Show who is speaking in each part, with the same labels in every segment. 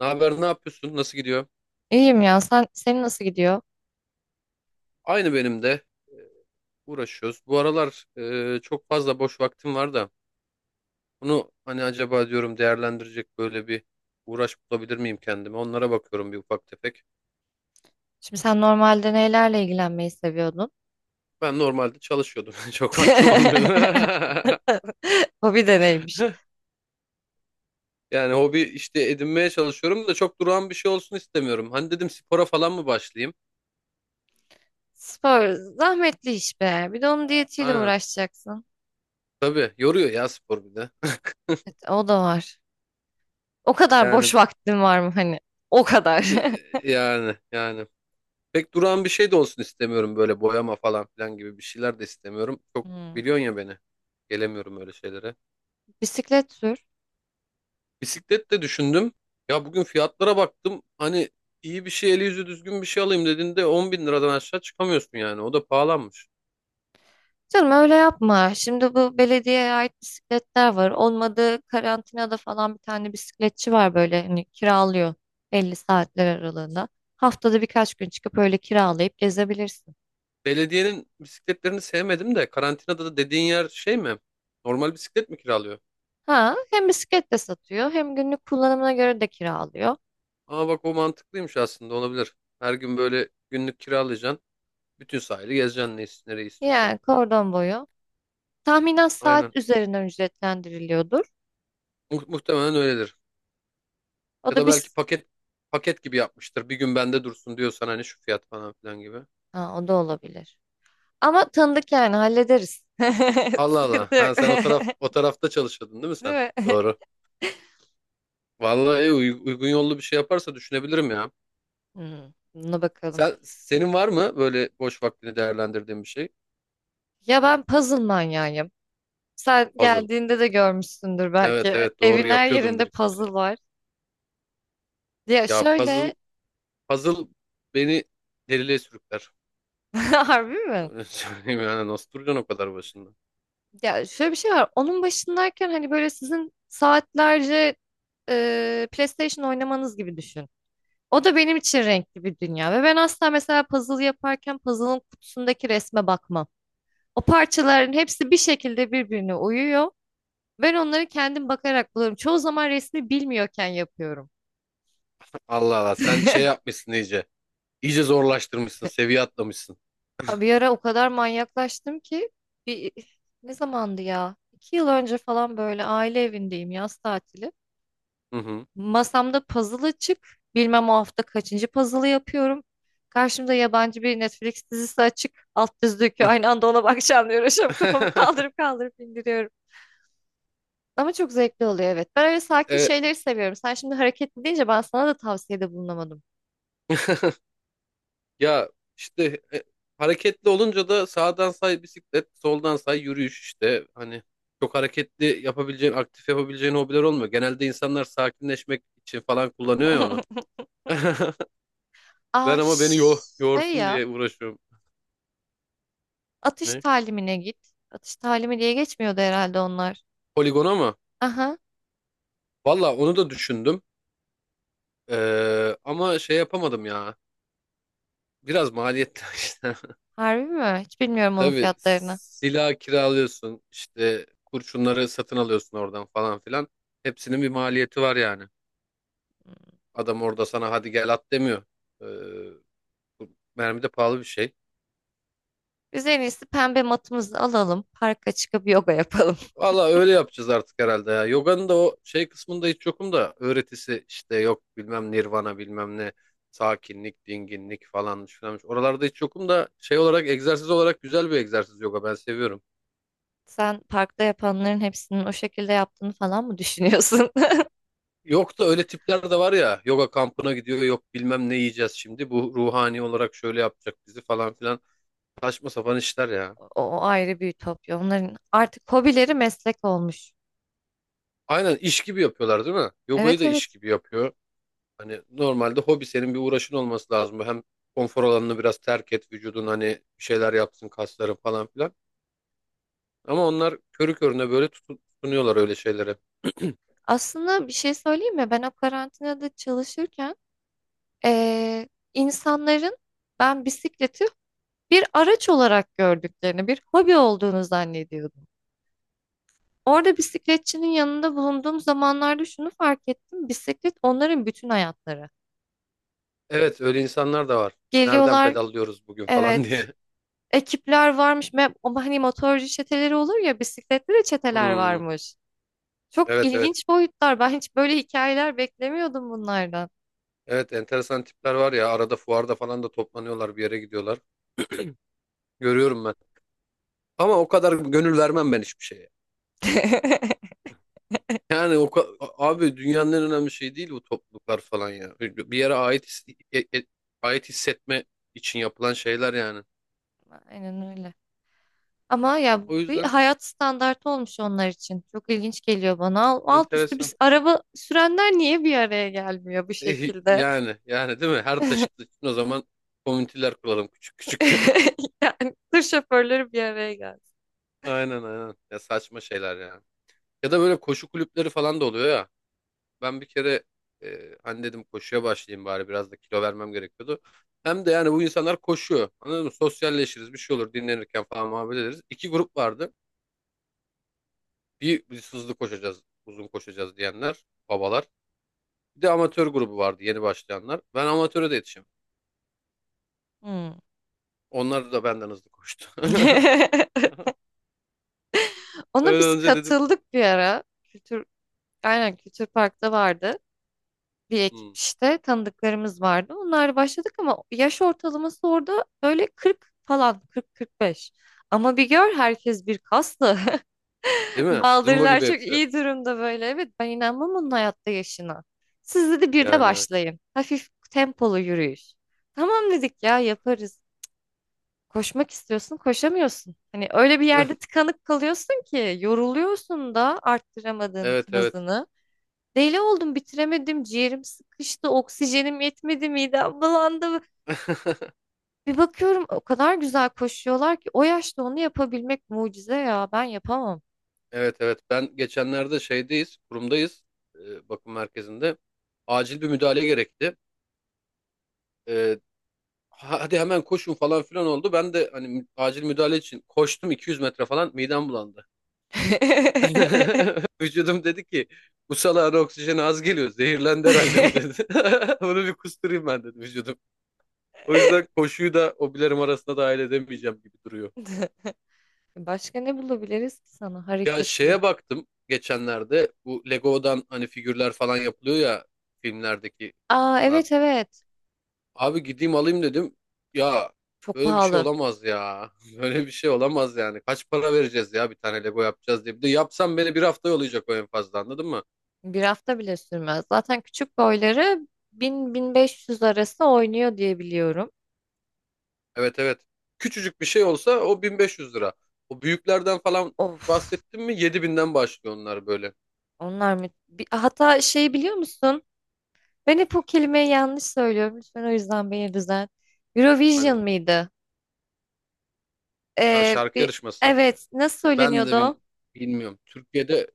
Speaker 1: Ne haber, ne yapıyorsun? Nasıl gidiyor?
Speaker 2: İyiyim ya. Senin nasıl gidiyor?
Speaker 1: Aynı benim de. Ee, Uğraşıyoruz. Bu aralar çok fazla boş vaktim var da bunu hani acaba diyorum değerlendirecek böyle bir uğraş bulabilir miyim kendime? Onlara bakıyorum bir ufak tefek.
Speaker 2: Şimdi sen normalde nelerle ilgilenmeyi seviyordun?
Speaker 1: Ben normalde çalışıyordum. Çok vaktim olmuyordu.
Speaker 2: Hobi de neymiş?
Speaker 1: Yani hobi işte edinmeye çalışıyorum da çok durağan bir şey olsun istemiyorum. Hani dedim spora falan mı başlayayım?
Speaker 2: Spor zahmetli iş be. Bir de onun diyetiyle
Speaker 1: Aynen.
Speaker 2: uğraşacaksın.
Speaker 1: Tabii yoruyor ya spor bir de.
Speaker 2: Evet, o da var. O kadar boş
Speaker 1: Yani
Speaker 2: vaktin var mı hani? O kadar.
Speaker 1: yani yani. Pek duran bir şey de olsun istemiyorum, böyle boyama falan filan gibi bir şeyler de istemiyorum. Çok
Speaker 2: Hmm.
Speaker 1: biliyorsun ya beni. Gelemiyorum öyle şeylere.
Speaker 2: Bisiklet sür.
Speaker 1: Bisiklet de düşündüm. Ya bugün fiyatlara baktım. Hani iyi bir şey, eli yüzü düzgün bir şey alayım dediğinde 10 bin liradan aşağı çıkamıyorsun yani. O da pahalanmış.
Speaker 2: Canım öyle yapma. Şimdi bu belediyeye ait bisikletler var. Olmadı karantinada falan bir tane bisikletçi var böyle hani kiralıyor 50 saatler aralığında. Haftada birkaç gün çıkıp öyle kiralayıp gezebilirsin.
Speaker 1: Belediyenin bisikletlerini sevmedim de, karantinada da dediğin yer şey mi? Normal bisiklet mi kiralıyor?
Speaker 2: Ha, hem bisiklet de satıyor hem günlük kullanımına göre de kiralıyor.
Speaker 1: Aa bak o mantıklıymış, aslında olabilir. Her gün böyle günlük kiralayacaksın. Bütün sahili gezeceksin, nereyi istiyorsan.
Speaker 2: Yani kordon boyu. Tahminen
Speaker 1: Aynen.
Speaker 2: saat üzerinden ücretlendiriliyordur.
Speaker 1: Muhtemelen öyledir.
Speaker 2: O
Speaker 1: Ya
Speaker 2: da
Speaker 1: da belki
Speaker 2: biz
Speaker 1: paket gibi yapmıştır. Bir gün bende dursun diyorsan hani şu fiyat falan filan gibi.
Speaker 2: ha, o da olabilir. Ama tanıdık yani hallederiz.
Speaker 1: Allah Allah.
Speaker 2: Sıkıntı
Speaker 1: Ha
Speaker 2: yok.
Speaker 1: sen o tarafta çalışıyordun değil mi
Speaker 2: Değil
Speaker 1: sen?
Speaker 2: mi?
Speaker 1: Doğru. Vallahi uygun yollu bir şey yaparsa düşünebilirim ya.
Speaker 2: Hmm, buna bakalım.
Speaker 1: Sen senin var mı böyle boş vaktini değerlendirdiğin bir şey?
Speaker 2: Ya ben puzzle manyağıyım. Sen
Speaker 1: Puzzle.
Speaker 2: geldiğinde de görmüşsündür
Speaker 1: Evet,
Speaker 2: belki.
Speaker 1: evet, doğru,
Speaker 2: Evin her
Speaker 1: yapıyordum
Speaker 2: yerinde
Speaker 1: bir iki kere.
Speaker 2: puzzle var. Ya
Speaker 1: Ya puzzle
Speaker 2: şöyle,
Speaker 1: puzzle beni deliliğe sürükler.
Speaker 2: harbi mi?
Speaker 1: Öyle söyleyeyim, yani nasıl duracaksın o kadar başında?
Speaker 2: Ya şöyle bir şey var. Onun başındayken hani böyle sizin saatlerce PlayStation oynamanız gibi düşün. O da benim için renkli bir dünya. Ve ben asla mesela puzzle yaparken puzzle'ın kutusundaki resme bakmam. O parçaların hepsi bir şekilde birbirine uyuyor. Ben onları kendim bakarak buluyorum. Çoğu zaman resmi bilmiyorken yapıyorum.
Speaker 1: Allah Allah sen şey yapmışsın iyice. İyice zorlaştırmışsın, seviye atlamışsın.
Speaker 2: Abi, bir ara o kadar manyaklaştım ki bir ne zamandı ya? 2 yıl önce falan böyle aile evindeyim, yaz tatili.
Speaker 1: Hı hı.
Speaker 2: Masamda puzzle açık. Bilmem o hafta kaçıncı puzzle yapıyorum. Karşımda yabancı bir Netflix dizisi açık. Alt düz döküyor. Aynı anda ona bakacağım diye uğraşıyorum. Kafamı kaldırıp kaldırıp indiriyorum. Ama çok zevkli oluyor, evet. Ben öyle sakin
Speaker 1: E,
Speaker 2: şeyleri seviyorum. Sen şimdi hareketli deyince ben sana da tavsiyede bulunamadım.
Speaker 1: ya işte hareketli olunca da sağdan say bisiklet, soldan say yürüyüş işte. Hani çok hareketli yapabileceğin, aktif yapabileceğin hobiler olmuyor. Genelde insanlar sakinleşmek için falan kullanıyor ya onu. Ben
Speaker 2: Aa
Speaker 1: ama beni
Speaker 2: şey
Speaker 1: yorsun
Speaker 2: ya.
Speaker 1: diye uğraşıyorum.
Speaker 2: Atış
Speaker 1: Ne?
Speaker 2: talimine git. Atış talimi diye geçmiyordu herhalde onlar.
Speaker 1: Poligona mı?
Speaker 2: Aha,
Speaker 1: Valla onu da düşündüm. Ama şey yapamadım ya. Biraz maliyetli işte.
Speaker 2: harbi mi? Hiç bilmiyorum onun
Speaker 1: Tabii
Speaker 2: fiyatlarını.
Speaker 1: silah kiralıyorsun, işte kurşunları satın alıyorsun oradan falan filan. Hepsinin bir maliyeti var yani.
Speaker 2: Hmm.
Speaker 1: Adam orada sana hadi gel at demiyor. Ee, mermi de pahalı bir şey.
Speaker 2: Biz en iyisi pembe matımızı alalım. Parka çıkıp yoga yapalım.
Speaker 1: Valla öyle yapacağız artık herhalde ya. Yoga'nın da o şey kısmında hiç yokum da, öğretisi işte yok bilmem nirvana bilmem ne, sakinlik, dinginlik falanmış filanmış. Oralarda hiç yokum da şey olarak, egzersiz olarak güzel bir egzersiz yoga, ben seviyorum.
Speaker 2: Sen parkta yapanların hepsinin o şekilde yaptığını falan mı düşünüyorsun?
Speaker 1: Yok da öyle tipler de var ya, yoga kampına gidiyor, yok bilmem ne yiyeceğiz şimdi, bu ruhani olarak şöyle yapacak bizi falan filan, saçma sapan işler ya.
Speaker 2: O ayrı bir ütopya. Onların artık hobileri meslek olmuş.
Speaker 1: Aynen iş gibi yapıyorlar değil mi? Yogayı
Speaker 2: Evet,
Speaker 1: da iş
Speaker 2: evet.
Speaker 1: gibi yapıyor. Hani normalde hobi senin bir uğraşın olması lazım. Hem konfor alanını biraz terk et, vücudun hani bir şeyler yapsın, kasların falan filan. Ama onlar körü körüne böyle tutunuyorlar öyle şeylere.
Speaker 2: Aslında bir şey söyleyeyim mi? Ben o karantinada çalışırken eee, insanların ben bisikleti bir araç olarak gördüklerini, bir hobi olduğunu zannediyordum. Orada bisikletçinin yanında bulunduğum zamanlarda şunu fark ettim. Bisiklet onların bütün hayatları.
Speaker 1: Evet, öyle insanlar da var. Nereden
Speaker 2: Geliyorlar,
Speaker 1: pedallıyoruz bugün falan
Speaker 2: evet,
Speaker 1: diye.
Speaker 2: ekipler varmış. Ama hani motorcu çeteleri olur ya, bisikletli de çeteler
Speaker 1: Hmm,
Speaker 2: varmış. Çok
Speaker 1: evet, evet,
Speaker 2: ilginç boyutlar. Ben hiç böyle hikayeler beklemiyordum bunlardan.
Speaker 1: evet, enteresan tipler var ya, arada fuarda falan da toplanıyorlar, bir yere gidiyorlar. Görüyorum ben. Ama o kadar gönül vermem ben hiçbir şeye. Yani abi dünyanın en önemli şeyi değil bu topluluklar falan ya. Bir yere e- e- ait hissetme için yapılan şeyler yani.
Speaker 2: Aynen öyle. Ama ya
Speaker 1: O
Speaker 2: bir
Speaker 1: yüzden
Speaker 2: hayat standartı olmuş onlar için. Çok ilginç geliyor bana. Alt üstü
Speaker 1: enteresan.
Speaker 2: biz araba sürenler niye bir araya gelmiyor bu
Speaker 1: Eh,
Speaker 2: şekilde?
Speaker 1: yani değil mi? Her taşıt için o zaman komüniteler kuralım, küçük küçük.
Speaker 2: Yani tır şoförleri bir araya geldi.
Speaker 1: Aynen, aynen. Ya saçma şeyler yani. Ya da böyle koşu kulüpleri falan da oluyor ya. Ben bir kere hani dedim koşuya başlayayım bari, biraz da kilo vermem gerekiyordu. Hem de yani bu insanlar koşuyor. Anladın mı? Sosyalleşiriz, bir şey olur, dinlenirken falan muhabbet ederiz. İki grup vardı. Bir, biz hızlı koşacağız uzun koşacağız diyenler, babalar. Bir de amatör grubu vardı, yeni başlayanlar. Ben amatöre de yetişim.
Speaker 2: Hmm.
Speaker 1: Onlar da benden hızlı koştu.
Speaker 2: Ona
Speaker 1: Öyle
Speaker 2: biz
Speaker 1: önce dedim.
Speaker 2: katıldık bir ara. Aynen, Kültür Park'ta vardı. Bir ekip
Speaker 1: Hmm,
Speaker 2: işte, tanıdıklarımız vardı. Onlarla başladık ama yaş ortalaması orada böyle 40 falan, 40-45. Ama bir gör, herkes bir kaslı.
Speaker 1: değil mi? Zımba
Speaker 2: Baldırlar
Speaker 1: gibi
Speaker 2: çok
Speaker 1: hepsi.
Speaker 2: iyi durumda böyle. Evet, ben inanmam onun hayatta yaşına. Siz dedi bir de
Speaker 1: Yani evet.
Speaker 2: başlayın. Hafif tempolu yürüyüş. Tamam dedik ya, yaparız. Koşmak istiyorsun, koşamıyorsun. Hani öyle bir yerde tıkanıp kalıyorsun ki yoruluyorsun da arttıramadığın
Speaker 1: Evet,
Speaker 2: için
Speaker 1: evet.
Speaker 2: hızını. Deli oldum, bitiremedim, ciğerim sıkıştı, oksijenim yetmedi, midem bulandı. Bir bakıyorum o kadar güzel koşuyorlar ki o yaşta onu yapabilmek mucize ya. Ben yapamam.
Speaker 1: Evet evet, ben geçenlerde şeydeyiz, kurumdayız, bakım merkezinde acil bir müdahale gerekti. E, hadi hemen koşun falan filan oldu. Ben de hani acil müdahale için koştum, 200 metre falan midem bulandı. Vücudum dedi ki bu salağın oksijeni az geliyor, zehirlendi herhalde bu dedi. Bunu bir kusturayım ben dedi vücudum. O yüzden koşuyu da hobilerim arasında dahil edemeyeceğim gibi duruyor.
Speaker 2: Başka ne bulabiliriz ki sana
Speaker 1: Ya
Speaker 2: hareketli?
Speaker 1: şeye baktım geçenlerde, bu Lego'dan hani figürler falan yapılıyor ya, filmlerdeki
Speaker 2: Aa,
Speaker 1: falan.
Speaker 2: evet evet.
Speaker 1: Abi gideyim alayım dedim. Ya
Speaker 2: Çok
Speaker 1: böyle bir şey
Speaker 2: pahalı.
Speaker 1: olamaz ya. Böyle bir şey olamaz yani. Kaç para vereceğiz ya bir tane Lego yapacağız diye. Bir de yapsam beni bir hafta yollayacak o en fazla, anladın mı?
Speaker 2: Bir hafta bile sürmez. Zaten küçük boyları 1000-1500 arası oynuyor diye biliyorum.
Speaker 1: Evet, evet. Küçücük bir şey olsa o 1500 lira. O büyüklerden falan
Speaker 2: Of,
Speaker 1: bahsettim mi, 7000'den başlıyor onlar böyle.
Speaker 2: onlar mı? Hatta şey, biliyor musun? Ben hep bu kelimeyi yanlış söylüyorum. Lütfen o yüzden beni düzelt.
Speaker 1: Hadi
Speaker 2: Eurovision
Speaker 1: bakalım.
Speaker 2: mıydı?
Speaker 1: Ha,
Speaker 2: Ee,
Speaker 1: şarkı
Speaker 2: bir,
Speaker 1: yarışması.
Speaker 2: evet, nasıl
Speaker 1: Ben
Speaker 2: söyleniyordu
Speaker 1: de
Speaker 2: o?
Speaker 1: bilmiyorum. Türkiye'de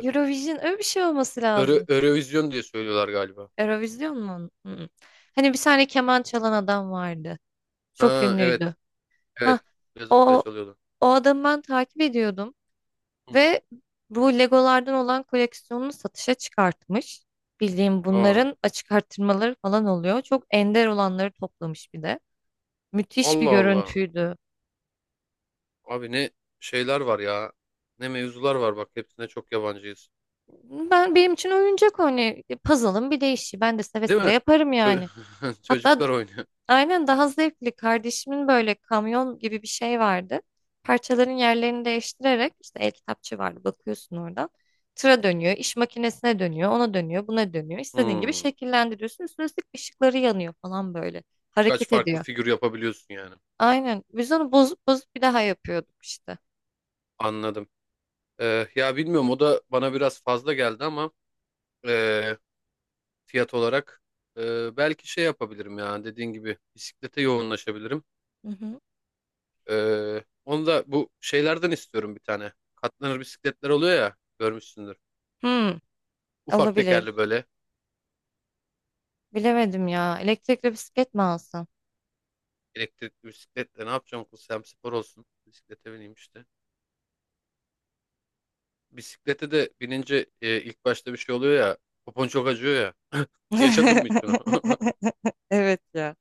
Speaker 2: Eurovision öyle bir şey olması lazım.
Speaker 1: Eurovision diye söylüyorlar galiba.
Speaker 2: Eurovision mu? Hı. Hani bir tane keman çalan adam vardı. Çok
Speaker 1: Ha evet.
Speaker 2: ünlüydü. Ha,
Speaker 1: Evet. Zıplaya zıplaya
Speaker 2: o
Speaker 1: çalıyordu.
Speaker 2: o adamı ben takip ediyordum.
Speaker 1: Hı hı.
Speaker 2: Ve bu Legolardan olan koleksiyonunu satışa çıkartmış. Bildiğim
Speaker 1: Aa,
Speaker 2: bunların açık artırmaları falan oluyor. Çok ender olanları toplamış bir de. Müthiş bir
Speaker 1: Allah Allah.
Speaker 2: görüntüydü.
Speaker 1: Abi ne şeyler var ya. Ne mevzular var bak. Hepsine çok yabancıyız.
Speaker 2: Benim için oyuncak o, hani puzzle'ın bir değişi. Ben de seve
Speaker 1: Değil
Speaker 2: seve
Speaker 1: mi?
Speaker 2: yaparım
Speaker 1: Çö-
Speaker 2: yani. Hatta
Speaker 1: Çocuklar oynuyor.
Speaker 2: Aynen, daha zevkli. Kardeşimin böyle kamyon gibi bir şey vardı. Parçaların yerlerini değiştirerek, işte el kitapçı vardı, bakıyorsun oradan. Tıra dönüyor, iş makinesine dönüyor, ona dönüyor, buna dönüyor. İstediğin gibi
Speaker 1: Hmm.
Speaker 2: şekillendiriyorsun. Üstüne üstlük ışıkları yanıyor falan böyle.
Speaker 1: Birkaç
Speaker 2: Hareket
Speaker 1: farklı
Speaker 2: ediyor.
Speaker 1: figür yapabiliyorsun yani.
Speaker 2: Aynen. Biz onu bozup bozup bir daha yapıyorduk işte.
Speaker 1: Anladım. Ya bilmiyorum, o da bana biraz fazla geldi ama e, fiyat olarak belki şey yapabilirim ya, dediğin gibi bisiklete yoğunlaşabilirim.
Speaker 2: Hı hı.
Speaker 1: Onu da bu şeylerden istiyorum bir tane. Katlanır bisikletler oluyor ya, görmüşsündür.
Speaker 2: Hmm,
Speaker 1: Ufak tekerli
Speaker 2: olabilir.
Speaker 1: böyle
Speaker 2: Bilemedim ya. Elektrikli bisiklet mi alsam?
Speaker 1: elektrikli bisikletle ne yapacağım kız, hem spor olsun. Bisiklete bineyim işte. Bisiklete de binince ilk başta bir şey oluyor ya. Popon çok acıyor ya. Yaşadın mı hiç bunu?
Speaker 2: Evet ya.